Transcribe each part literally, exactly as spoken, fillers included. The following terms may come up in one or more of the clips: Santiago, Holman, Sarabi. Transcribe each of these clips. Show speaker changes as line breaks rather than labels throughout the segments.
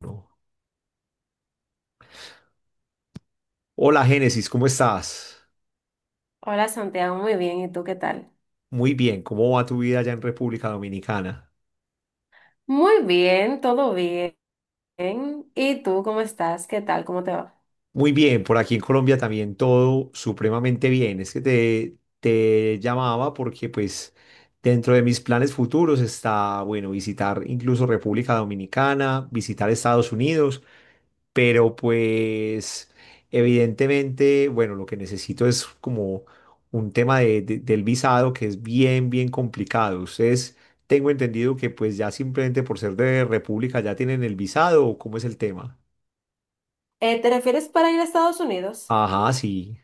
No. Hola Génesis, ¿cómo estás?
Hola Santiago, muy bien. ¿Y tú qué tal?
Muy bien, ¿cómo va tu vida allá en República Dominicana?
Muy bien, todo bien. ¿Y tú cómo estás? ¿Qué tal? ¿Cómo te va?
Muy bien, por aquí en Colombia también todo supremamente bien. Es que te, te llamaba porque pues dentro de mis planes futuros está, bueno, visitar incluso República Dominicana, visitar Estados Unidos. Pero pues evidentemente, bueno, lo que necesito es como un tema de- de- del visado que es bien, bien complicado. Ustedes tengo entendido que pues ya simplemente por ser de República ya tienen el visado, ¿o ¿cómo es el tema?
Eh, ¿te refieres para ir a Estados Unidos?
Ajá, sí.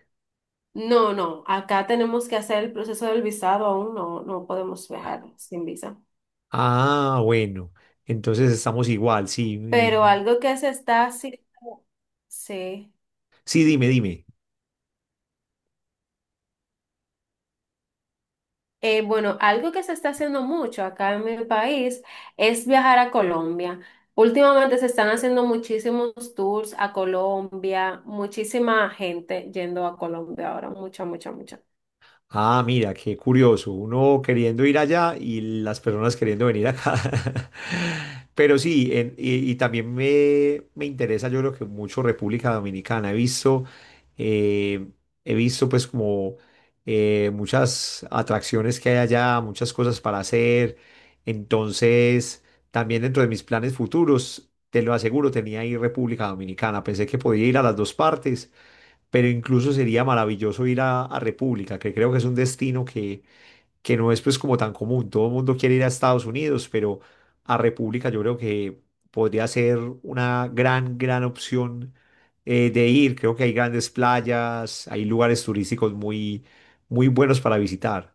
No, no, acá tenemos que hacer el proceso del visado aún, no, no podemos viajar sin visa.
Ah, bueno. Entonces estamos igual, sí. mi-
Pero algo que se está haciendo, sí.
Sí, dime, dime.
Eh, bueno, algo que se está haciendo mucho acá en mi país es viajar a Colombia. Últimamente se están haciendo muchísimos tours a Colombia, muchísima gente yendo a Colombia ahora, mucha, mucha, mucha.
Ah, mira, qué curioso. Uno queriendo ir allá y las personas queriendo venir acá. Pero sí, en- y, y también me, me interesa, yo creo que mucho República Dominicana. He visto, eh, he visto pues como eh, muchas atracciones que hay allá, muchas cosas para hacer. Entonces, también dentro de mis planes futuros, te lo aseguro, tenía ir República Dominicana. Pensé que podía ir a las dos partes, pero incluso sería maravilloso ir a, a República, que creo que es un destino que, que no es pues como tan común. Todo el mundo quiere ir a Estados Unidos, pero a República yo creo que podría ser una gran, gran opción eh, de ir. Creo que hay grandes playas, hay lugares turísticos muy, muy buenos para visitar.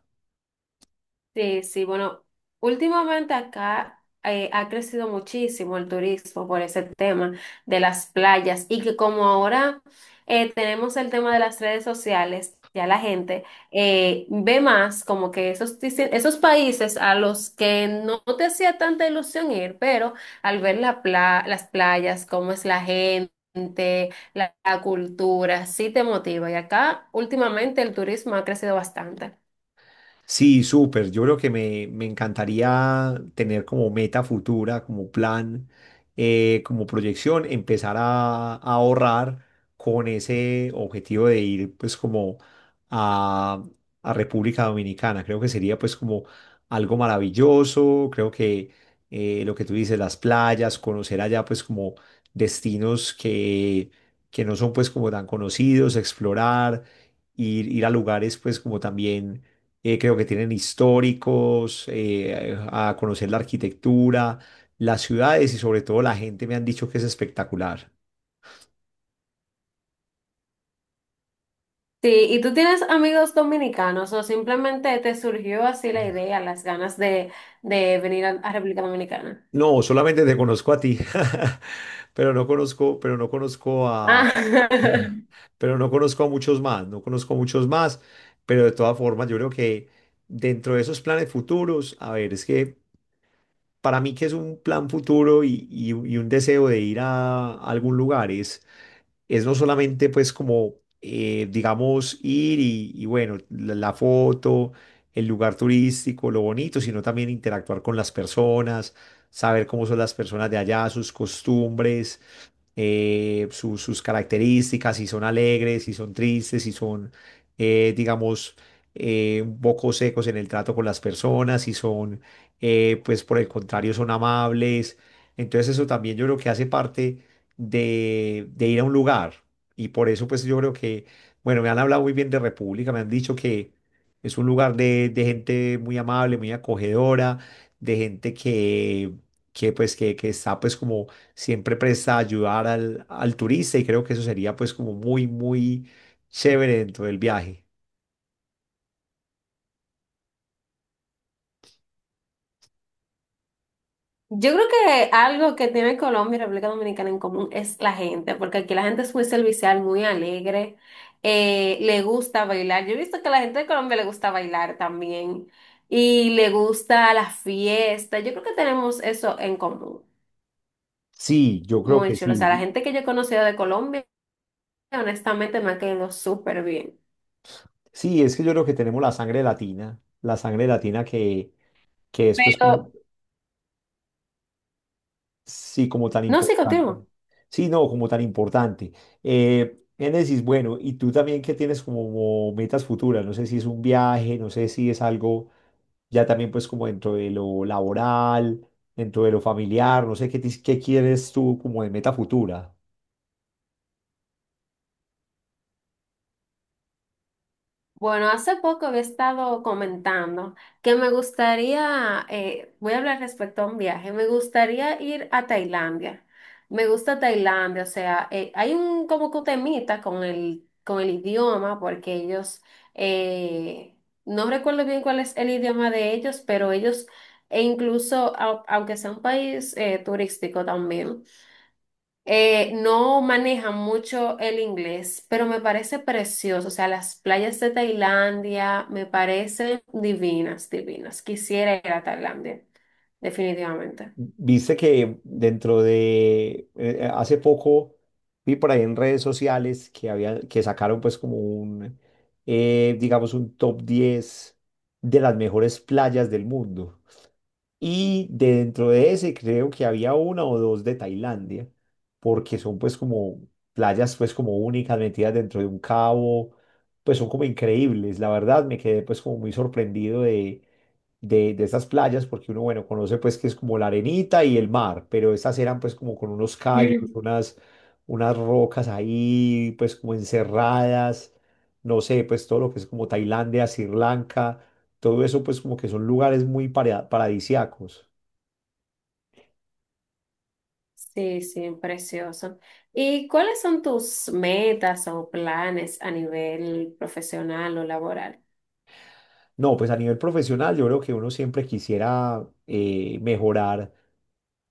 Sí, sí, bueno, últimamente acá eh, ha crecido muchísimo el turismo por ese tema de las playas y que como ahora eh, tenemos el tema de las redes sociales, ya la gente eh, ve más como que esos, dice- esos países a los que no te hacía tanta ilusión ir, pero al ver la pla- las playas, cómo es la gente. La, la cultura sí te motiva y acá últimamente el turismo ha crecido bastante.
Sí, súper. Yo creo que me, me encantaría tener como meta futura, como plan, eh, como proyección, empezar a, a ahorrar con ese objetivo de ir pues como a, a República Dominicana. Creo que sería pues como algo maravilloso. Creo que eh, lo que tú dices, las playas, conocer allá pues como destinos que, que no son pues como tan conocidos, explorar, ir, ir a lugares pues como también eh, creo que tienen históricos, eh, a conocer la arquitectura, las ciudades y sobre todo la gente me han dicho que es espectacular.
Sí, ¿y tú tienes amigos dominicanos o simplemente te surgió así la idea, las ganas de, de venir a, a República Dominicana?
No, solamente te conozco a ti, pero no conozco, pero no conozco a,
Ah,
pero no conozco a muchos más, no conozco a muchos más, pero de todas formas yo creo que dentro de esos planes futuros, a ver, es que para mí que es un plan futuro y, y- y un deseo de ir a algún lugar es no solamente pues como, eh, digamos, ir y, y bueno, la, la foto, el lugar turístico, lo bonito, sino también interactuar con las personas, saber cómo son las personas de allá, sus costumbres, eh, su- sus características, si son alegres, si son tristes, si son, eh, digamos, eh, un poco secos en el trato con las personas, si son, eh, pues por el contrario, son amables. Entonces eso también yo creo que hace parte de, de ir a un lugar. Y por eso pues yo creo que, bueno, me han hablado muy bien de República, me han dicho que es un lugar de, de gente muy amable, muy acogedora, de gente que, que pues que, que está pues como siempre presta a ayudar al, al turista y creo que eso sería pues como muy, muy chévere dentro del viaje.
yo creo que algo que tiene Colombia y República Dominicana en común es la gente, porque aquí la gente es muy servicial, muy alegre, eh, le gusta bailar. Yo he visto que a la gente de Colombia le gusta bailar también y le gusta la fiesta. Yo creo que tenemos eso en común,
Sí, yo creo
muy
que
chulo. O sea, la
sí.
gente que yo he conocido de Colombia, honestamente, me ha quedado súper bien.
Sí, es que yo creo que tenemos la sangre latina, la sangre latina que, que es pues como,
Pero,
sí, como tan
no, sí,
importante.
continúo.
Sí, no, como tan importante. Eh, Génesis, bueno, y tú también que tienes como metas futuras, no sé si es un viaje, no sé si es algo ya también pues como dentro de lo laboral, dentro de lo familiar, no sé qué, tis- qué quieres tú como de meta futura.
Bueno, hace poco había estado comentando que me gustaría, eh, voy a hablar respecto a un viaje, me gustaría ir a Tailandia. Me gusta Tailandia, o sea, eh, hay un como que un temita con el, con el idioma, porque ellos, eh, no recuerdo bien cuál es el idioma de ellos, pero ellos, e incluso, au- aunque sea un país eh, turístico también. Eh, no manejan mucho el inglés, pero me parece precioso. O sea, las playas de Tailandia me parecen divinas, divinas. Quisiera ir a Tailandia, definitivamente.
Viste que dentro de eh, eh, hace poco vi por ahí en redes sociales que había que sacaron pues como un eh, digamos un top diez de las mejores playas del mundo. Y dentro de ese creo que había una o dos de Tailandia, porque son pues como playas pues como únicas metidas dentro de un cabo, pues son como increíbles. La verdad me quedé pues como muy sorprendido de, de, de estas playas, porque uno bueno conoce pues que es como la arenita y el mar, pero estas eran pues como con unos callos, unas, unas rocas ahí pues como encerradas, no sé, pues todo lo que es como Tailandia, Sri Lanka. Todo eso pues como que son lugares muy paradisiacos. Paradisíacos.
Sí, sí, precioso. ¿Y cuáles son tus metas o planes a nivel profesional o laboral?
No, pues a nivel profesional yo creo que uno siempre quisiera eh, mejorar.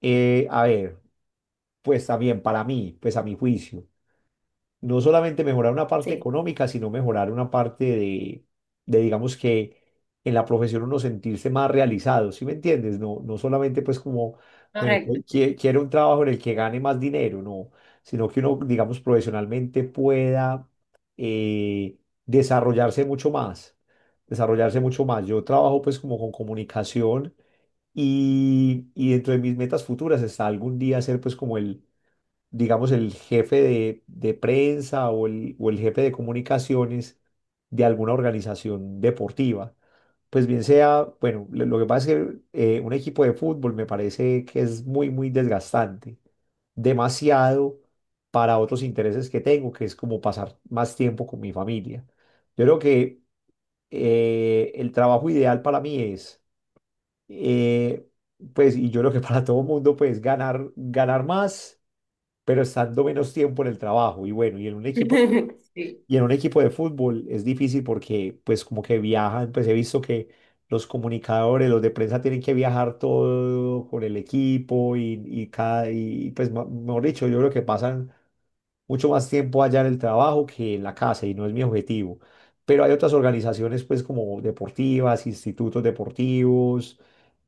Eh, a ver, pues también para mí, pues a mi juicio, no solamente mejorar una parte
Sí,
económica, sino mejorar una parte de, de, digamos que en la profesión uno sentirse más realizado, ¿sí me entiendes? No, no solamente pues como, bueno, pues,
correcto. Sí.
qui- quiero un trabajo en el que gane más dinero, no, sino que uno, digamos, profesionalmente pueda eh, desarrollarse mucho más, desarrollarse mucho más. Yo trabajo pues como con comunicación. Y, y dentro de mis metas futuras está algún día ser pues como el, digamos, el jefe de, de prensa o el, o el jefe de comunicaciones de alguna organización deportiva. Pues bien sea, bueno, lo lo que pasa es que eh, un equipo de fútbol me parece que es muy, muy desgastante, demasiado para otros intereses que tengo, que es como pasar más tiempo con mi familia. Yo creo que eh, el trabajo ideal para mí es, eh, pues, y yo creo que para todo mundo, pues, ganar, ganar más pero estando menos tiempo en el trabajo. Y bueno, y en un equipo,
Sí.
y en un equipo de fútbol es difícil porque pues como que viajan, pues he visto que los comunicadores, los de prensa tienen que viajar todo con el equipo y, y cada, y pues ma- mejor dicho, yo creo que pasan mucho más tiempo allá en el trabajo que en la casa y no es mi objetivo. Pero hay otras organizaciones, pues como deportivas, institutos deportivos,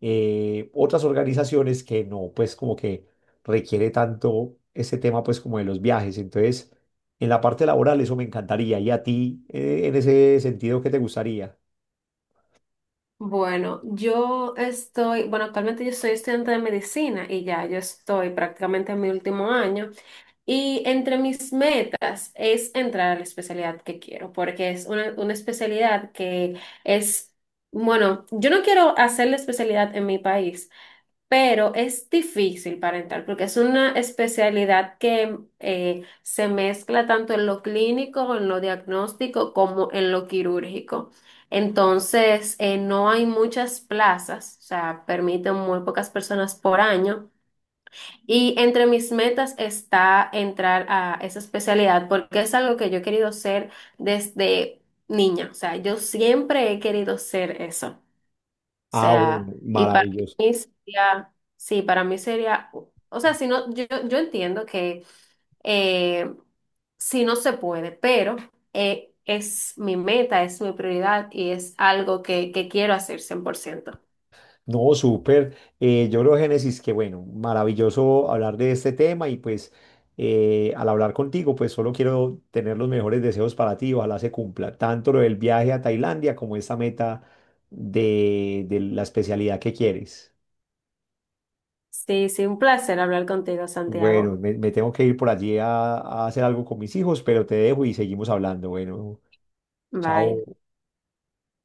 eh, otras organizaciones que no, pues como que requiere tanto ese tema, pues como de los viajes. Entonces, en la parte laboral eso me encantaría. ¿Y a ti, eh, en ese sentido, qué te gustaría?
Bueno, yo estoy, bueno, actualmente yo soy estudiante de medicina y ya yo estoy prácticamente en mi último año. Y entre mis metas es entrar a la especialidad que quiero, porque es una, una especialidad que es, bueno, yo no quiero hacer la especialidad en mi país, pero es difícil para entrar, porque es una especialidad que eh, se mezcla tanto en lo clínico, en lo diagnóstico, como en lo quirúrgico. Entonces, eh, no hay muchas plazas, o sea, permiten muy pocas personas por año. Y entre mis metas está entrar a esa especialidad porque es algo que yo he querido ser desde niña. O sea, yo siempre he querido ser eso. O
Ah, bueno,
sea, y para
maravilloso.
mí sería, sí, para mí sería, o sea, si no, yo, yo entiendo que eh, si no se puede, pero eh, es mi meta, es mi prioridad y es algo que, que quiero hacer cien por ciento.
No, súper. Eh, yo creo, Génesis, que bueno, maravilloso hablar de este tema y pues eh, al hablar contigo, pues solo quiero tener los mejores deseos para ti. Ojalá se cumpla tanto lo del viaje a Tailandia como esta meta de, de la especialidad que quieres.
Sí, sí, un placer hablar contigo,
Bueno,
Santiago.
me, me tengo que ir por allí a a hacer algo con mis hijos, pero te dejo y seguimos hablando. Bueno, chao.
Bye.